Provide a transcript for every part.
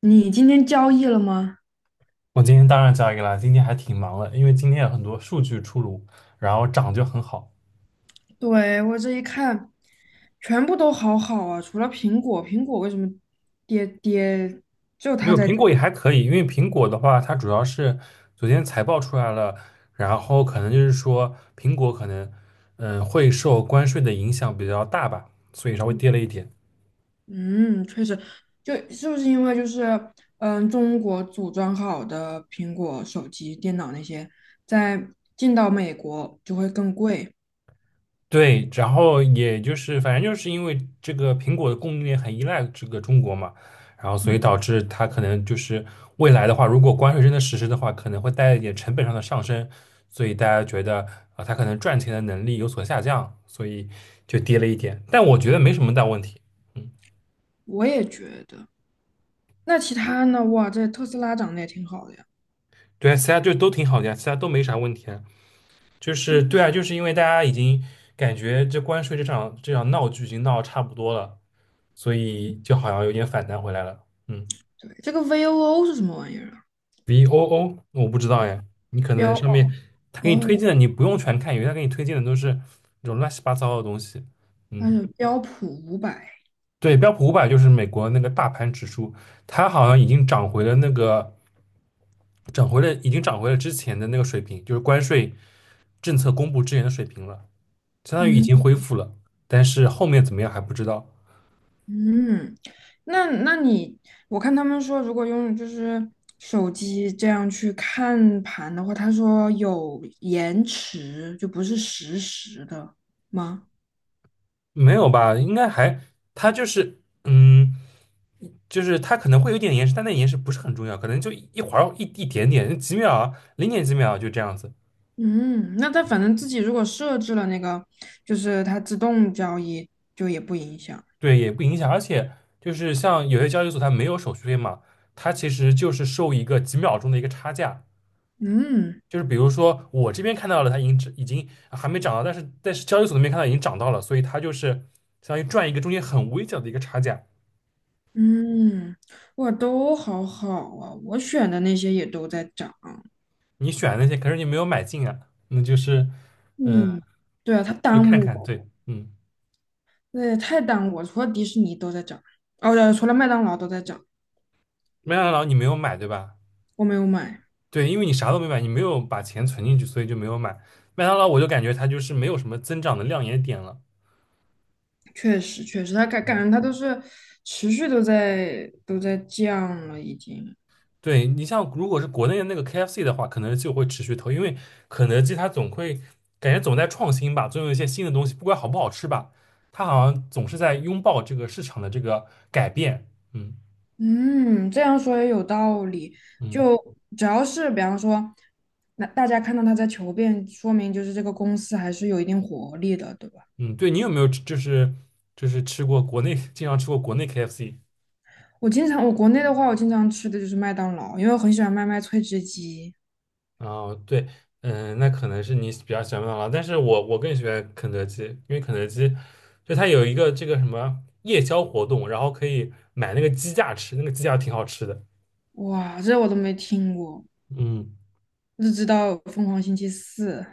你今天交易了吗？我今天当然交易了，今天还挺忙的，因为今天有很多数据出炉，然后涨就很好。对，我这一看，全部都好好啊，除了苹果，苹果为什么跌？就没它有在苹跌。果也还可以，因为苹果的话，它主要是昨天财报出来了，然后可能就是说苹果可能会受关税的影响比较大吧，所以稍微跌了一点。嗯，确实，就是不是因为就是嗯，中国组装好的苹果手机、电脑那些，在进到美国就会更贵。对，然后也就是反正就是因为这个苹果的供应链很依赖这个中国嘛，然后所嗯，以导致它可能就是未来的话，如果关税真的实施的话，可能会带来一点成本上的上升，所以大家觉得啊，它可能赚钱的能力有所下降，所以就跌了一点。但我觉得没什么大问题。嗯，我也觉得。那其他呢？哇，这特斯拉涨得也挺好的呀。对啊，其他就都挺好的呀，其他都没啥问题啊。就是对啊，就是因为大家已经感觉这关税这场闹剧已经闹得差不多了，所以就好像有点反弹回来了，嗯。对，这个 VOO 是什么玩意儿啊？VOO,那我不知道呀。你可标能上面他给你推哦，荐的，你不用全看，因为他给你推荐的都是那种乱七八糟的东西。它嗯，是标普五百。对，标普500就是美国那个大盘指数，它好像已经涨回了那个，涨回了已经涨回了之前的那个水平，就是关税政策公布之前的水平了，相当于已嗯。经恢复了，但是后面怎么样还不知道。嗯，那那你，我看他们说，如果用就是手机这样去看盘的话，他说有延迟，就不是实时的吗？没有吧？应该还，它就是，嗯，就是它可能会有点延时，但那延时不是很重要，可能就一会儿一点点，几秒啊，零点几秒啊就这样子，嗯，那他反正自己如果设置了那个，就是它自动交易，就也不影响。对，也不影响。而且就是像有些交易所它没有手续费嘛，它其实就是收一个几秒钟的一个差价，嗯。就是比如说我这边看到了它已经还没涨到，但是交易所那边看到已经涨到了，所以它就是相当于赚一个中间很微小的一个差价。嗯，哇，都好好啊，我选的那些也都在涨。你选的那些，可是你没有买进啊，那就是。嗯。嗯，对啊，他就耽看误看，我。对，嗯，对，太淡我除了迪士尼都在涨，哦，对除了麦当劳都在涨，麦当劳你没有买对吧？我没有买。对，因为你啥都没买，你没有把钱存进去，所以就没有买。麦当劳我就感觉它就是没有什么增长的亮眼点了。确实，确实，它感嗯，感觉它都是持续都在降了，已经。对，你像如果是国内的那个 KFC 的话，肯德基我会持续投，因为肯德基它总会感觉总在创新吧，总有一些新的东西，不管好不好吃吧，它好像总是在拥抱这个市场的这个改变。嗯嗯，这样说也有道理。嗯就只要是比方说，那大家看到它在求变，说明就是这个公司还是有一定活力的，对吧？嗯，对你有没有吃就是就是吃过国内经常吃过国内 KFC?我经常，我国内的话，我经常吃的就是麦当劳，因为我很喜欢麦麦脆汁鸡。哦，对，嗯，那可能是你比较喜欢麦当劳，但是我更喜欢肯德基，因为肯德基就它有一个这个什么夜宵活动，然后可以买那个鸡架吃，那个鸡架挺好吃的。哇，这我都没听过，嗯只知道疯狂星期四。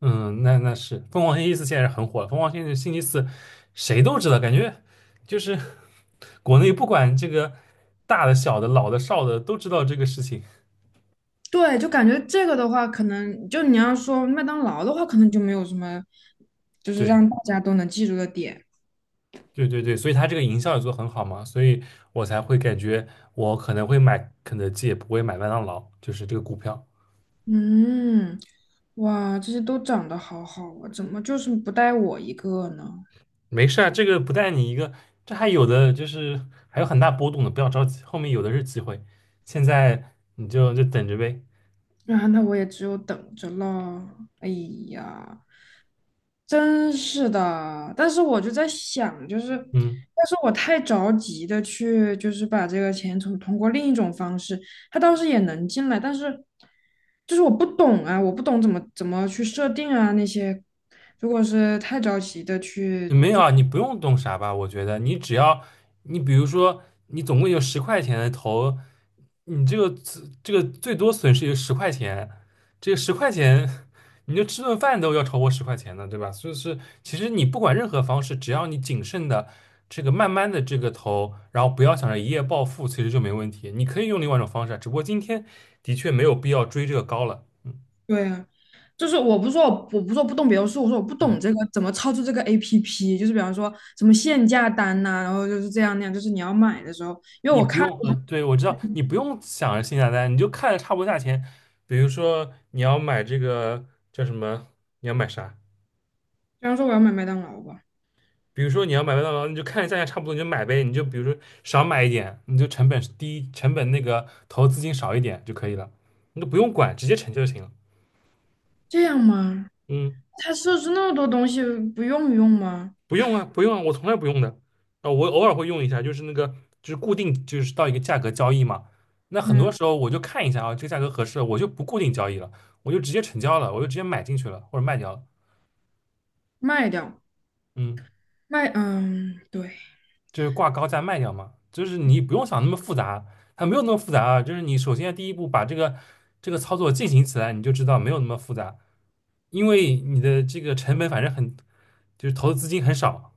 嗯，那那是凤凰星期四现在是很火了，凤凰星期四谁都知道，感觉就是国内不管这个大的、小的、老的、少的都知道这个事情。对，就感觉这个的话，可能就你要说麦当劳的话，可能就没有什么，就是对。让大家都能记住的点。对对对，所以它这个营销也做得很好嘛，所以我才会感觉我可能会买肯德基，也不会买麦当劳，就是这个股票。嗯，哇，这些都长得好好啊，怎么就是不带我一个呢？没事啊，这个不带你一个，这还有的就是还有很大波动的，不要着急，后面有的是机会，现在你就等着呗。啊，那我也只有等着了。哎呀，真是的，但是我就在想，就是，嗯。要是我太着急的去，就是把这个钱从通过另一种方式，他倒是也能进来，但是就是我不懂啊，我不懂怎么去设定啊那些，如果是太着急的去。没有啊，你不用动啥吧？我觉得你只要你比如说你总共有十块钱的投，你这个这个最多损失有十块钱，这个十块钱你就吃顿饭都要超过十块钱的，对吧？所以是其实你不管任何方式，只要你谨慎的这个慢慢的这个投，然后不要想着一夜暴富，其实就没问题。你可以用另外一种方式啊，只不过今天的确没有必要追这个高了。嗯对啊，就是我不是说我不是说不懂别的术，我说我不懂嗯。这个怎么操作这个 APP，就是比方说什么限价单呐、然后就是这样那样，就是你要买的时候，比你不用，对，我知道，你不用想着性价比单，你就看着差不多价钱。比如说你要买这个叫什么，你要买啥？方说我要买麦当劳吧，比如说你要买麦当劳，你就看着价钱差不多，你就买呗。你就比如说少买一点，你就成本低，成本那个投资金少一点就可以了，你都不用管，直接成就行了。这样吗？嗯他设置那么多东西不用用吗？不用啊我从来不用的。啊，我偶尔会用一下，就是那个，就是固定，就是到一个价格交易嘛。那很多嗯，时候我就看一下啊，这个价格合适，我就不固定交易了，我就直接成交了，我就直接买进去了或者卖掉了。卖掉嗯，卖，嗯，对。就是挂高价卖掉嘛，就是你不用想那么复杂，它没有那么复杂啊。就是你首先第一步把这个这个操作进行起来，你就知道没有那么复杂，因为你的这个成本反正很，就是投资资金很少，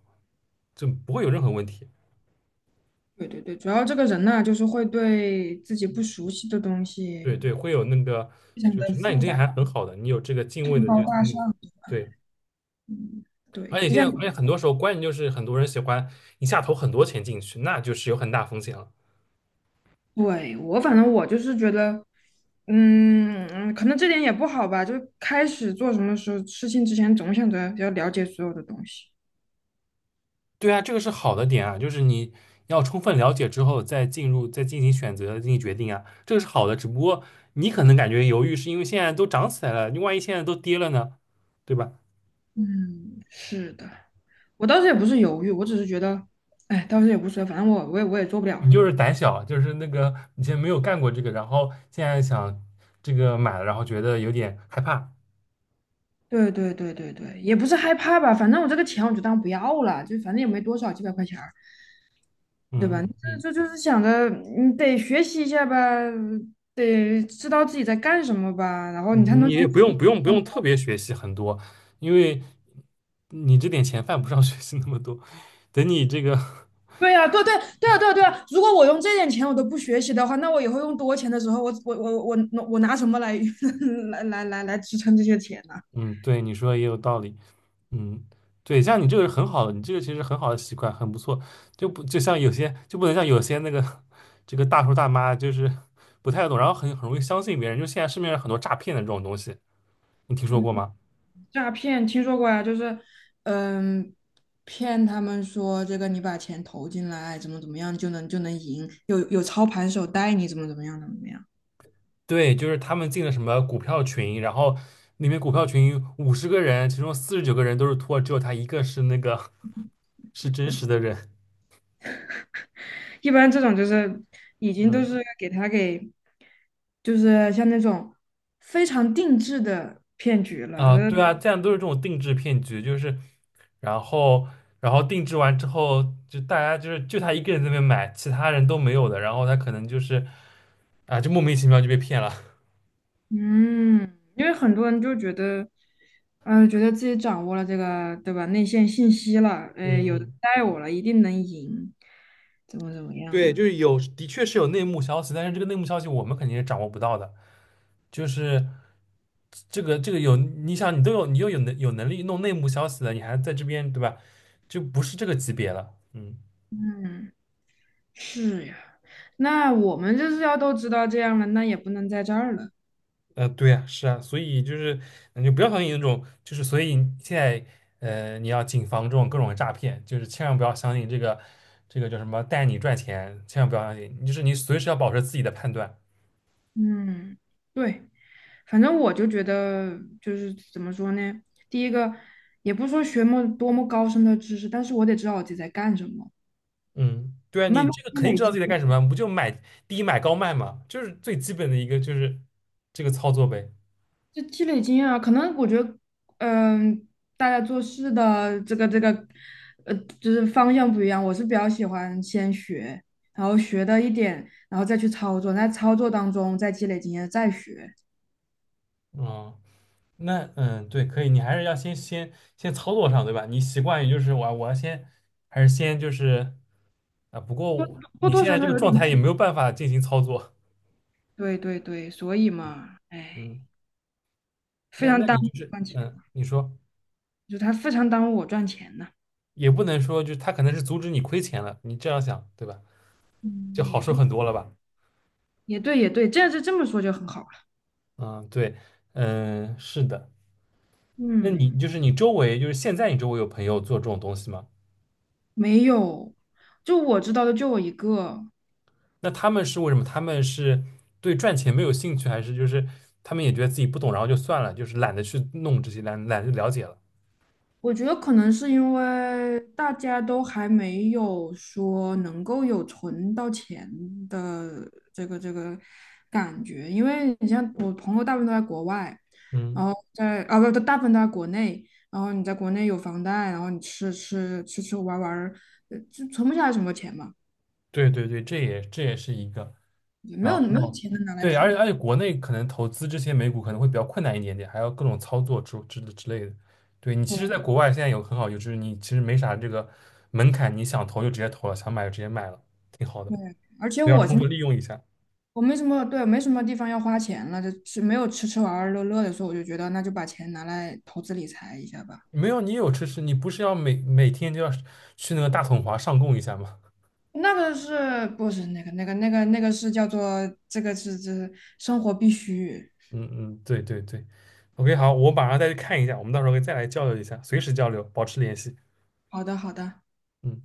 就不会有任何问题。对，主要这个人呐、就是会对自己不熟悉的东西对对，会有那个，非常就的是那你复这个杂，还很好的，你有这个敬畏上的这纲个大心理，上。对，嗯，对，而且就现像。在，而且很多时候关键就是很多人喜欢一下投很多钱进去，那就是有很大风险了。对，我反正我就是觉得，嗯，可能这点也不好吧。就开始做什么事情之前，总想着要了解所有的东西。对啊，这个是好的点啊，就是你要充分了解之后再进入，再进行选择、进行决定啊，这个是好的。只不过你可能感觉犹豫，是因为现在都涨起来了，你万一现在都跌了呢，对吧？嗯，是的，我当时也不是犹豫，我只是觉得，哎，当时也不所谓反正我也做不了。你就是胆小，就是那个以前没有干过这个，然后现在想这个买了，然后觉得有点害怕。对，也不是害怕吧，反正我这个钱我就当不要了，就反正也没多少，几百块钱儿对嗯吧？这嗯嗯。这就是想着你得学习一下吧，得知道自己在干什么吧，然后你才嗯，能你从。也不用特别学习很多，因为你这点钱犯不上 学习那么多。等你这个，对呀，对啊，对啊！如果我用这点钱我都不学习的话，那我以后用多钱的时候，我拿什么来 来来来来支撑这些钱呢、嗯，对，你说的也有道理，嗯，对，像你这个是很好的，你这个其实很好的习惯，很不错。就不就像有些就不能像有些那个 这个大叔大妈就是不太懂，然后很容易相信别人。就现在市面上很多诈骗的这种东西，你听说过吗？诈骗听说过呀，嗯，骗他们说这个你把钱投进来，怎么样就能就能赢，有操盘手带你怎么样。对，就是他们进了什么股票群，然后里面股票群50个人，其中49个人都是托，只有他一个是那个是真实的人一般这种就是已经都是给他给，就是像那种非常定制的骗局了，啊，对啊，这样都是这种定制骗局，就是然后然后定制完之后，就大家就是就他一个人在那边买，其他人都没有的，然后他可能就是啊，就莫名其妙就被骗了。嗯，因为很多人就觉得，嗯，觉得自己掌握了这个，对吧？内线信息了，哎，有人嗯，带我了，一定能赢，怎么怎么样对，的？就是有，的确是有内幕消息，但是这个内幕消息我们肯定是掌握不到的。就是这个这个有，你想你都有你又有能有能力弄内幕消息了，你还在这边对吧？就不是这个级别了。嗯。嗯，是呀。那我们就是要都知道这样了，那也不能在这儿了。呃，对呀，是啊，所以就是你就不要相信那种，就是所以你现在呃，你要谨防这种各种诈骗，就是千万不要相信这个这个叫什么带你赚钱，千万不要相信，就是你随时要保持自己的判断。嗯，对，反正我就觉得，就是怎么说呢？第一个，也不说学么多么高深的知识，但是我得知道我自己在干什么，嗯，对啊，慢你慢这个积肯定累知道自经己在干验。什么，不就买低买高卖嘛，就是最基本的一个就是这个操作呗。就积累经验啊，可能我觉得，嗯，大家做事的呃，就是方向不一样。我是比较喜欢先学，然后学到一点，然后再去操作，在操作当中再积累经验，再学，嗯，那嗯，对，可以，你还是要先操作上，对吧？你习惯于就是我要先还是先就是。啊，不多过你多现少在这少个有状点态也积。没有办法进行操作，对，所以嘛，哎，嗯，非那常那耽你误我就是，赚钱，嗯，你说就他非常耽误我赚钱呢。也不能说，就是他可能是阻止你亏钱了，你这样想，对吧？嗯，就好也受对，很多了吧？这这么说就很好了。嗯，对，嗯，是的。那你嗯，就是你周围，就是现在你周围有朋友做这种东西吗？没有，就我知道的就我一个。那他们是为什么？他们是对赚钱没有兴趣，还是就是他们也觉得自己不懂，然后就算了，就是懒得去弄这些，懒得了解了？我觉得可能是因为大家都还没有说能够有存到钱的这个感觉，因为你像我朋友大部分都在国外，然嗯，后在啊不，大部分都在国内，然后你在国内有房贷，然后你吃吃玩玩儿，呃就存不下来什么钱嘛，对对对，这也这也是一个。然没有后钱能拿来对，投。而且国内可能投资这些美股可能会比较困难一点点，还要各种操作之类的。对你其实，在对国外现在有很好，就是你其实没啥这个门槛，你想投就直接投了，想买就直接买了，挺好的，对，而且所以要我充现在。分利用一下。我没什么，对，没什么地方要花钱了，就是没有吃吃玩玩乐乐的时候，我就觉得那就把钱拿来投资理财一下吧。没有，你有知识，你不是要每天就要去那个大统华上供一下吗？那个是不是那个是叫做这是生活必须？嗯嗯，对对对。OK,好，我马上再去看一下，我们到时候可以再来交流一下，随时交流，保持联系。好的好的。嗯。